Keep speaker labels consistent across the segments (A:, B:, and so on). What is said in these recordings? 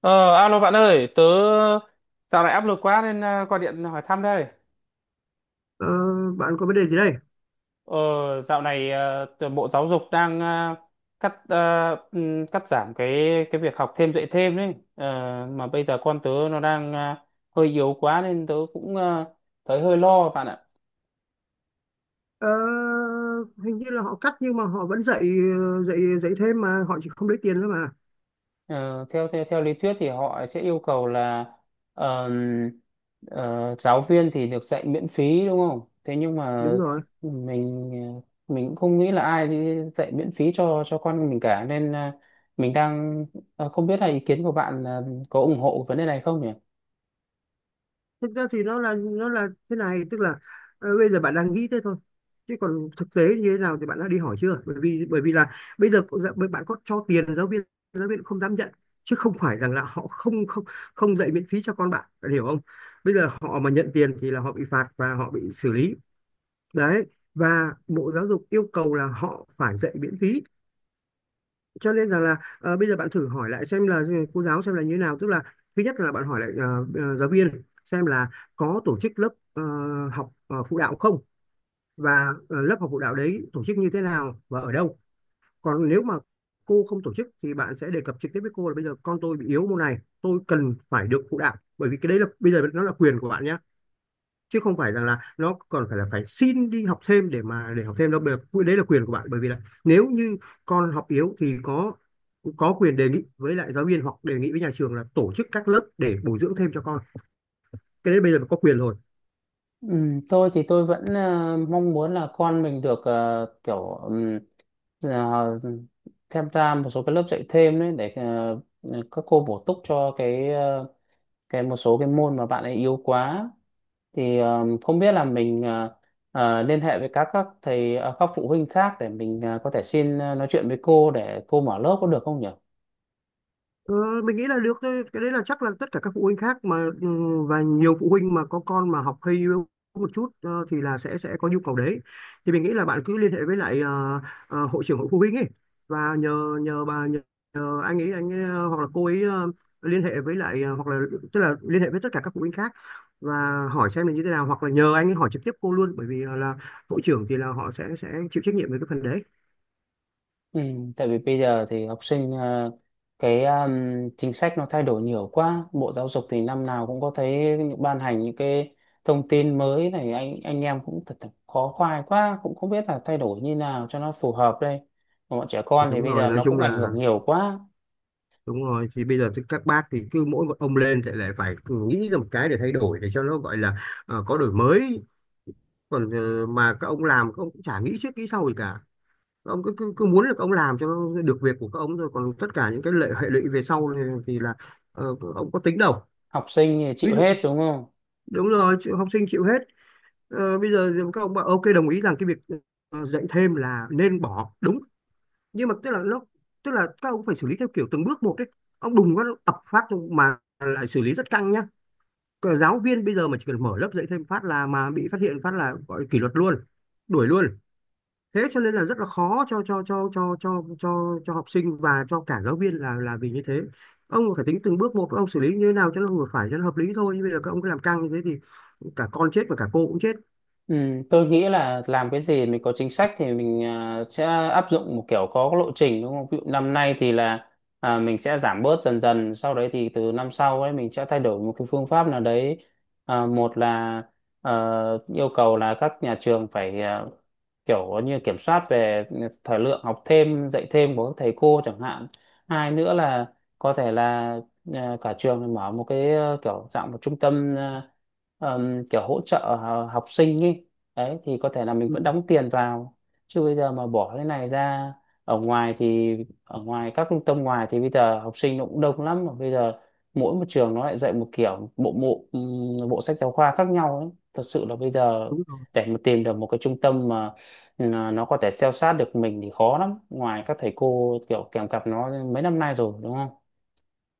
A: Ờ, Alo bạn ơi, tớ dạo này áp lực quá nên gọi điện hỏi thăm đây.
B: Ờ, bạn có vấn đề gì đây?
A: Ờ, Dạo này Bộ Giáo dục đang cắt cắt giảm cái việc học thêm dạy thêm đấy. Ờ, mà bây giờ con tớ nó đang hơi yếu quá nên tớ cũng thấy hơi lo bạn ạ.
B: Ờ, Hình như là họ cắt nhưng mà họ vẫn dạy dạy dạy thêm mà họ chỉ không lấy tiền thôi mà.
A: Ờ, theo theo theo lý thuyết thì họ sẽ yêu cầu là ờm, giáo viên thì được dạy miễn phí đúng không? Thế nhưng mà
B: Đúng rồi.
A: mình, ờ, mình cũng không nghĩ là ai đi dạy miễn phí cho con mình cả nên mình đang, không biết là ý kiến của bạn có ủng hộ vấn đề này không nhỉ?
B: Thực ra thì nó là thế này, tức là bây giờ bạn đang nghĩ thế thôi. Chứ còn thực tế như thế nào thì bạn đã đi hỏi chưa? Bởi vì là bây giờ dạ, bạn có cho tiền giáo viên cũng không dám nhận chứ không phải rằng là họ không không không dạy miễn phí cho con bạn, bạn hiểu không? Bây giờ họ mà nhận tiền thì là họ bị phạt và họ bị xử lý. Đấy. Và Bộ Giáo dục yêu cầu là họ phải dạy miễn phí, cho nên rằng là bây giờ bạn thử hỏi lại xem là cô giáo xem là như thế nào, tức là thứ nhất là bạn hỏi lại giáo viên xem là có tổ chức lớp học phụ đạo không, và lớp học phụ đạo đấy tổ chức như thế nào và ở đâu. Còn nếu mà cô không tổ chức thì bạn sẽ đề cập trực tiếp với cô là bây giờ con tôi bị yếu môn này, tôi cần phải được phụ đạo, bởi vì cái đấy là bây giờ nó là quyền của bạn nhé, chứ không phải rằng là nó còn phải là phải xin đi học thêm để mà để học thêm đâu. Đấy là quyền của bạn, bởi vì là nếu như con học yếu thì có quyền đề nghị với lại giáo viên hoặc đề nghị với nhà trường là tổ chức các lớp để bồi dưỡng thêm cho con. Cái đấy bây giờ có quyền rồi.
A: Tôi thì tôi vẫn mong muốn là con mình được, ờ, tham gia một số cái lớp dạy thêm đấy để các cô bổ túc cho cái một số cái môn mà bạn ấy yếu quá thì không biết là mình, liên hệ với các thầy, các phụ huynh khác để mình có thể xin, nói chuyện với cô để cô mở lớp có được không nhỉ?
B: Ờ, mình nghĩ là được thôi. Cái đấy là chắc là tất cả các phụ huynh khác mà ừ, và nhiều phụ huynh mà có con mà học hơi yếu một chút thì là sẽ có nhu cầu đấy. Thì mình nghĩ là bạn cứ liên hệ với lại hội trưởng hội phụ huynh ấy, và nhờ nhờ bà nhờ, nhờ anh ấy, hoặc là cô ấy liên hệ với lại hoặc là tức là liên hệ với tất cả các phụ huynh khác và hỏi xem là như thế nào, hoặc là nhờ anh ấy hỏi trực tiếp cô luôn, bởi vì là hội trưởng thì là họ sẽ chịu trách nhiệm về cái phần đấy.
A: Ừ, tại vì bây giờ thì học sinh, ờ, cái chính sách nó thay đổi nhiều quá. Bộ Giáo dục thì năm nào cũng có thấy ban hành những cái thông tin mới này anh em cũng thật là khó khoai quá cũng không biết là thay đổi như nào cho nó phù hợp đây. Bọn trẻ
B: Thì
A: con thì
B: đúng
A: bây
B: rồi,
A: giờ
B: nói
A: nó
B: chung
A: cũng ảnh
B: là
A: hưởng nhiều quá.
B: đúng rồi, thì bây giờ thì các bác thì cứ mỗi một ông lên thì lại phải nghĩ ra một cái để thay đổi để cho nó gọi là có đổi mới. Còn mà các ông làm các ông cũng chả nghĩ trước nghĩ sau gì cả, các ông cứ cứ, cứ muốn là các ông làm cho nó được việc của các ông thôi, còn tất cả những cái lệ hệ lụy về sau thì, các ông có tính đâu.
A: Học sinh thì
B: Ví
A: chịu
B: dụ
A: hết đúng không?
B: đúng rồi học sinh chịu hết. Ờ, bây giờ các ông bảo ok, đồng ý rằng cái việc dạy thêm là nên bỏ, đúng, nhưng mà tức là các ông phải xử lý theo kiểu từng bước một đấy, ông đùng phát ập phát mà lại xử lý rất căng nhá. Cờ giáo viên bây giờ mà chỉ cần mở lớp dạy thêm phát là mà bị phát hiện phát là gọi kỷ luật luôn, đuổi luôn, thế cho nên là rất là khó cho học sinh và cho cả giáo viên là vì như thế. Ông phải tính từng bước một, ông xử lý như thế nào cho nó vừa phải, cho nó hợp lý thôi, chứ bây giờ các ông cứ làm căng như thế thì cả con chết và cả cô cũng chết.
A: Ừ, tôi nghĩ là làm cái gì mình có chính sách thì mình sẽ áp dụng một kiểu có lộ trình đúng không? Ví dụ năm nay thì là, mình sẽ giảm bớt dần dần, sau đấy thì từ năm sau ấy mình sẽ thay đổi một cái phương pháp nào đấy. À, một là, yêu cầu là các nhà trường phải, kiểu như kiểm soát về thời lượng học thêm, dạy thêm của các thầy cô chẳng hạn. Hai nữa là có thể là, cả trường mở một cái, kiểu dạng một trung tâm, kiểu hỗ trợ học sinh ấy, đấy thì có thể là mình
B: Ừ,
A: vẫn đóng tiền vào, chứ bây giờ mà bỏ cái này ra ở ngoài thì ở ngoài các trung tâm ngoài thì bây giờ học sinh nó cũng đông lắm mà bây giờ mỗi một trường nó lại dạy một kiểu bộ bộ bộ sách giáo khoa khác nhau ấy, thật sự là bây giờ
B: đúng rồi,
A: để mà tìm được một cái trung tâm mà, ừ, nó có thể theo sát được mình thì khó lắm ngoài các thầy cô kiểu kèm cặp nó mấy năm nay rồi đúng không.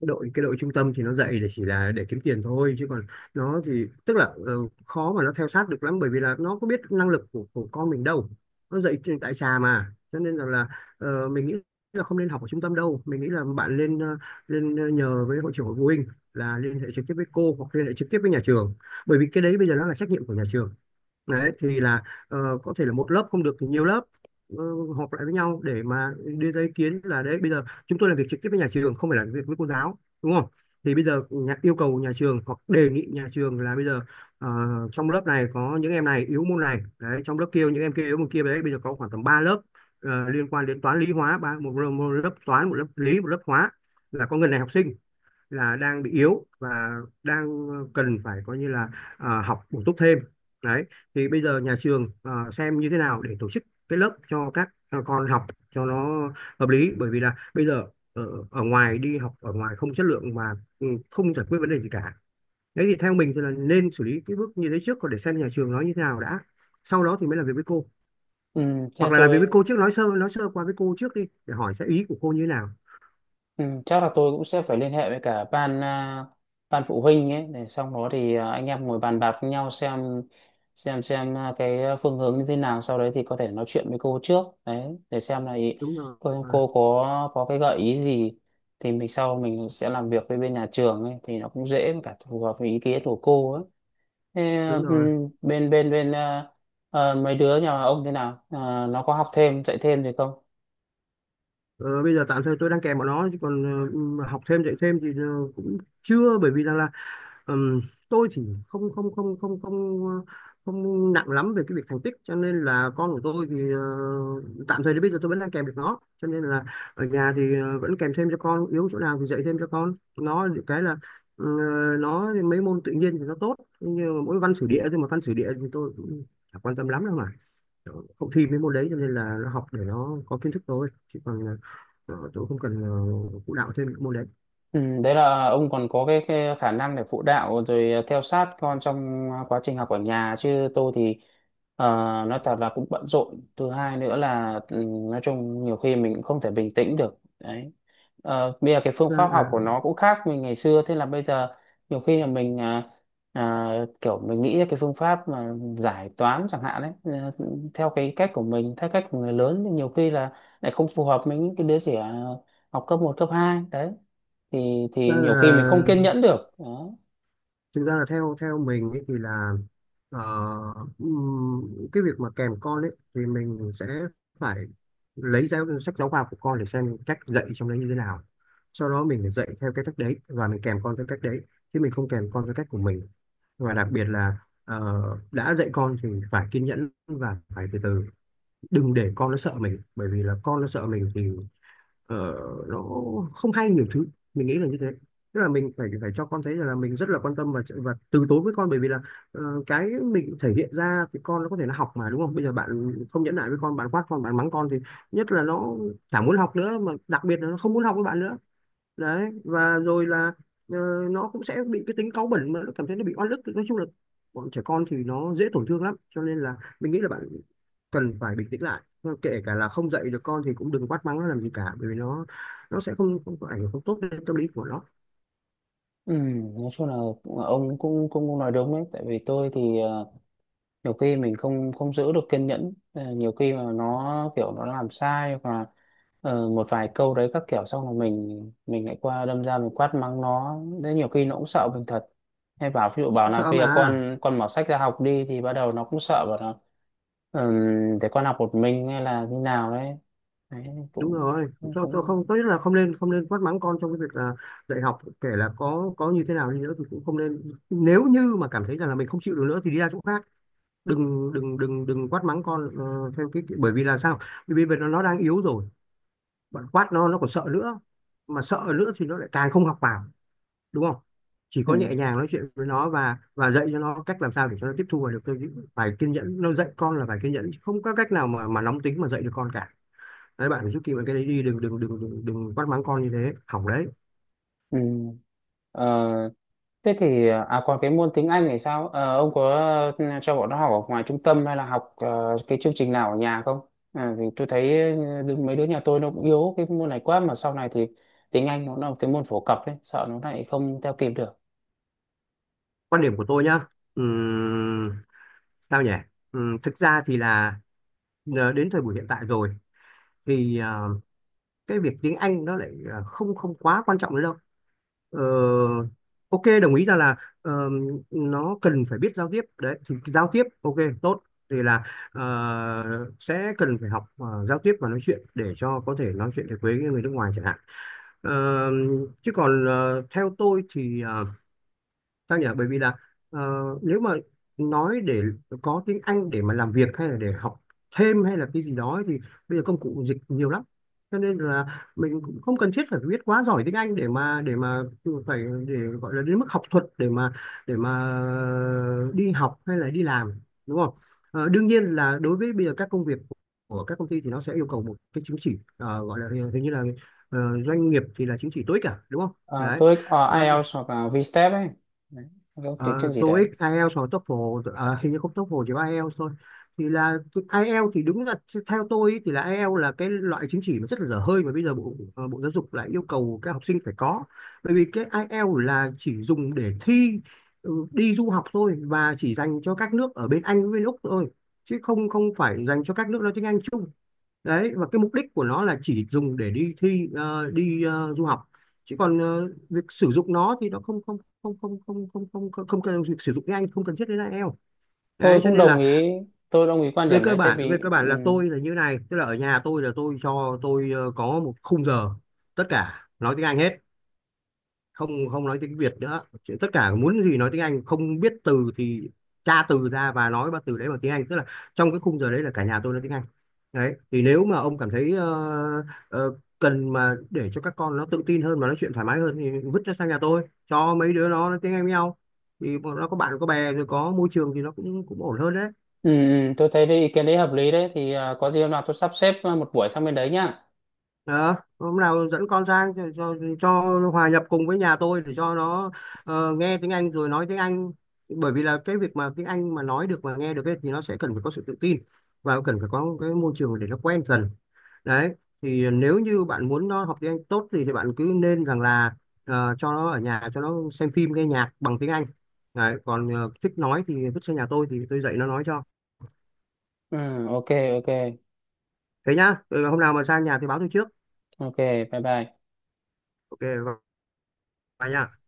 B: đội trung tâm thì nó dạy để chỉ là để kiếm tiền thôi, chứ còn nó thì tức là khó mà nó theo sát được lắm, bởi vì là nó có biết năng lực của con mình đâu, nó dạy tại xà, mà cho nên rằng là mình nghĩ là không nên học ở trung tâm đâu. Mình nghĩ là bạn lên nhờ với hội trưởng hội phụ huynh là liên hệ trực tiếp với cô, hoặc liên hệ trực tiếp với nhà trường, bởi vì cái đấy bây giờ nó là trách nhiệm của nhà trường. Đấy thì là có thể là một lớp không được thì nhiều lớp ờ, họp lại với nhau để mà đưa ra ý kiến là đấy, bây giờ chúng tôi làm việc trực tiếp với nhà trường, không phải làm việc với cô giáo đúng không. Thì bây giờ yêu cầu nhà trường hoặc đề nghị nhà trường là bây giờ ờ, trong lớp này có những em này yếu môn này đấy, trong lớp kia những em kia yếu môn kia đấy, bây giờ có khoảng tầm 3 lớp liên quan đến toán lý hóa ba, một lớp toán, một lớp lý, một lớp hóa, là có người này học sinh là đang bị yếu và đang cần phải coi như là à, học bổ túc thêm. Đấy thì bây giờ nhà trường à, xem như thế nào để tổ chức cái lớp cho các con học cho nó hợp lý, bởi vì là bây giờ ở ngoài đi học ở ngoài không chất lượng và ừ, không giải quyết vấn đề gì cả. Đấy thì theo mình thì là nên xử lý cái bước như thế trước, còn để xem nhà trường nói như thế nào đã, sau đó thì mới làm việc với cô,
A: Ừ, thế
B: hoặc là làm việc
A: tôi,
B: với cô trước, nói sơ qua với cô trước đi để hỏi sẽ ý của cô như thế nào.
A: ừ, chắc là tôi cũng sẽ phải liên hệ với cả ban, ban phụ huynh ấy để xong đó thì, anh em ngồi bàn bạc với nhau xem cái phương hướng như thế nào sau đấy thì có thể nói chuyện với cô trước đấy để xem là ý,
B: Đúng rồi, à,
A: cô có cái gợi ý gì thì mình sau mình sẽ làm việc với bên nhà trường ấy thì nó cũng dễ với cả phù hợp với ý kiến của cô ấy. Thế,
B: đúng
A: ừ,
B: rồi.
A: bên bên bên à, à, mấy đứa nhà ông thế nào? À, nó có học thêm dạy thêm gì không?
B: Ờ, bây giờ tạm thời tôi đang kèm bọn nó, chứ còn học thêm dạy thêm thì cũng chưa, bởi vì rằng là ừm, tôi thì không không không không không ờ, không nặng lắm về cái việc thành tích, cho nên là con của tôi thì tạm thời đến bây giờ tôi vẫn đang kèm được nó, cho nên là ở nhà thì vẫn kèm thêm cho con, yếu chỗ nào thì dạy thêm cho con. Nó được cái là ờ, nó mấy môn tự nhiên thì nó tốt, nhưng mà mỗi văn sử địa thôi, mà văn sử địa thì tôi cũng chả quan tâm lắm đâu mà, không thi mấy môn đấy, cho nên là nó học để nó có kiến thức thôi, chứ còn Ờ, tôi không cần phụ đạo thêm những môn đấy.
A: Ừ, đấy là ông còn có cái khả năng để phụ đạo rồi, theo sát con trong quá trình học ở nhà chứ tôi thì, ờ, nói thật là cũng bận rộn, thứ hai nữa là ừ, nói chung nhiều khi mình cũng không thể bình tĩnh được đấy. Ờ, bây giờ cái phương
B: thực ra
A: pháp học
B: là
A: của nó cũng khác mình ngày xưa, thế là bây giờ nhiều khi là mình, à, kiểu mình nghĩ ra cái phương pháp mà giải toán chẳng hạn đấy, ờ, theo cái cách của mình theo cách của người lớn thì nhiều khi là lại không phù hợp với những cái đứa trẻ học cấp một cấp 2 đấy
B: thực
A: thì
B: ra
A: nhiều khi mình không kiên
B: là
A: nhẫn được đó.
B: Thực ra là theo theo mình ấy thì là ờ, cái việc mà kèm con ấy thì mình sẽ phải lấy sách giáo khoa của con để xem cách dạy trong đấy như thế nào, sau đó mình phải dạy theo cái cách đấy và mình kèm con theo cách đấy, chứ mình không kèm con theo cách của mình. Và đặc biệt là ờ, đã dạy con thì phải kiên nhẫn và phải từ từ, đừng để con nó sợ mình, bởi vì là con nó sợ mình thì ờ, nó không hay nhiều thứ. Mình nghĩ là như thế, tức là mình phải phải cho con thấy rằng là mình rất là quan tâm và từ tốn với con, bởi vì là cái mình thể hiện ra thì con nó có thể nó học mà đúng không. Bây giờ bạn không nhẫn nại với con, bạn quát con, bạn mắng con, thì nhất là nó chẳng muốn học nữa mà, đặc biệt là nó không muốn học với bạn nữa. Đấy, và rồi là ờ, nó cũng sẽ bị cái tính cáu bẩn mà nó cảm thấy nó bị oan ức, nói chung là bọn trẻ con thì nó dễ tổn thương lắm, cho nên là mình nghĩ là bạn cần phải bình tĩnh lại. Thôi, kể cả là không dạy được con thì cũng đừng quát mắng nó làm gì cả, bởi vì nó sẽ không không có ảnh hưởng không tốt đến tâm lý của nó.
A: Ừ, nói chung là ông cũng cũng cũng nói đúng đấy, tại vì tôi thì, nhiều khi mình không không giữ được kiên nhẫn. Ờ, nhiều khi mà nó kiểu nó làm sai và, một vài câu đấy các kiểu xong là mình lại qua đâm ra mình quát mắng nó đấy, nhiều khi nó cũng sợ mình thật, hay bảo ví dụ bảo là
B: Sợ
A: bây giờ
B: mà.
A: con mở sách ra học đi thì bắt đầu nó cũng sợ bảo là, ừ, để con học một mình hay là như nào đấy. Đấy
B: Đúng
A: cũng
B: rồi,
A: cũng
B: tôi
A: cũng
B: không, tốt nhất là không nên quát mắng con trong cái việc là dạy học, kể là có như thế nào đi nữa thì cũng không nên. Nếu như mà cảm thấy rằng là mình không chịu được nữa thì đi ra chỗ khác, đừng đừng đừng đừng quát mắng con theo cái bởi vì là sao, bởi vì bây Giờ nó đang yếu rồi. Bạn quát nó còn sợ nữa, mà sợ nữa thì nó lại càng không học vào, đúng không? Chỉ
A: ừ.
B: có nhẹ nhàng nói chuyện với nó và dạy cho nó cách làm sao để cho nó tiếp thu và được. Tôi phải kiên nhẫn, nó dạy con là phải kiên nhẫn, không có cách nào mà nóng tính mà dạy được con cả. Đấy, bạn phải giúp kịp cái đấy đi, đừng đừng đừng đừng đừng quát mắng con như thế, hỏng đấy.
A: Ừ. Ờ, Thế thì, còn cái môn tiếng Anh thì sao? Ờ, ông có, cho bọn nó học ở ngoài trung tâm hay là học, cái chương trình nào ở nhà không? À, vì tôi thấy mấy đứa nhà tôi nó cũng yếu cái môn này quá, mà sau này thì tiếng Anh nó là một cái môn phổ cập ấy, sợ nó lại không theo kịp được.
B: Quan điểm của tôi nhá. Ừm, Sao nhỉ? Thực ra thì là đến thời buổi hiện tại rồi thì cái việc tiếng Anh nó lại không không quá quan trọng nữa đâu. Ờ, ok, đồng ý ra là ờ, nó cần phải biết giao tiếp, đấy thì giao tiếp ok, tốt. Thì là sẽ cần phải học giao tiếp và nói chuyện để cho có thể nói chuyện được với người nước ngoài chẳng hạn. Ờ, chứ còn theo tôi thì sao nhỉ, bởi vì là nếu mà nói để có tiếng Anh để mà làm việc hay là để học thêm hay là cái gì đó ấy, thì bây giờ công cụ dịch nhiều lắm, cho nên là mình cũng không cần thiết phải biết quá giỏi tiếng Anh để mà phải để gọi là đến mức học thuật để mà đi học hay là đi làm, đúng không? Ờ, đương nhiên là đối với bây giờ các công việc của các công ty thì nó sẽ yêu cầu một cái chứng chỉ, gọi là hình hình như là doanh nghiệp thì là chứng chỉ tối cả, đúng không?
A: Ờ,
B: Đấy.
A: tôi có
B: Ờ,
A: IELTS hoặc là VSTEP ấy. Đấy, cái tiếng chương gì đấy.
B: TOEIC, IELTS hoặc TOEFL, hình như không, TOEFL chỉ có IELTS thôi. Thì là cái IELTS thì đúng là, theo tôi ý, thì là IELTS là cái loại chứng chỉ mà rất là dở hơi mà bây giờ bộ bộ giáo dục lại yêu cầu các học sinh phải có. Bởi vì cái IELTS là chỉ dùng để thi, ừ, đi du học thôi, và chỉ dành cho các nước ở bên Anh với bên Úc thôi, chứ không không phải dành cho các nước nói tiếng Anh chung. Đấy, và cái mục đích của nó là chỉ dùng để đi thi, đi du học, chứ còn việc sử dụng nó thì nó không không không không không không không không, không cần, việc sử dụng tiếng Anh không cần thiết đến IELTS.
A: Tôi
B: Đấy, cho
A: cũng
B: nên
A: đồng
B: là
A: ý, tôi đồng ý quan
B: về
A: điểm
B: cơ
A: đấy tại
B: bản về
A: vì
B: cơ bản là tôi là như này, tức là ở nhà tôi là tôi cho có một khung giờ tất cả nói tiếng Anh hết, không không nói tiếng Việt nữa. Chỉ- tất cả muốn gì nói tiếng Anh, không biết từ thì tra từ ra và nói ba từ đấy bằng tiếng Anh, tức là trong cái khung giờ đấy là cả nhà tôi nói tiếng Anh. Đấy thì nếu mà ông cảm thấy cần mà để cho các con nó tự tin hơn và nói chuyện thoải mái hơn thì vứt nó sang nhà tôi cho mấy đứa nó nói tiếng Anh với nhau, thì bọn nó có bạn có bè rồi, có môi trường thì nó cũng cũng ổn hơn đấy.
A: tôi thấy cái ý kiến đấy hợp lý đấy, thì có gì hôm nào tôi sắp xếp một buổi sang bên đấy nhá.
B: Đó, hôm nào dẫn con sang cho, cho hòa nhập cùng với nhà tôi để cho nó nghe tiếng Anh rồi nói tiếng Anh. Bởi vì là cái việc mà tiếng Anh mà nói được mà nghe được ấy, thì nó sẽ cần phải có sự tự tin và cần phải có cái môi trường để nó quen dần. Đấy, thì nếu như bạn muốn nó học tiếng Anh tốt thì bạn cứ nên rằng là cho nó ở nhà cho nó xem phim nghe nhạc bằng tiếng Anh. Đấy, còn thích nói thì vứt sang nhà tôi thì tôi dạy nó nói cho.
A: Ừ, ok, ok,
B: Thế nhá. Ừ, hôm nào mà sang nhà thì báo tôi trước.
A: ok, bye bye.
B: Ok, và nha.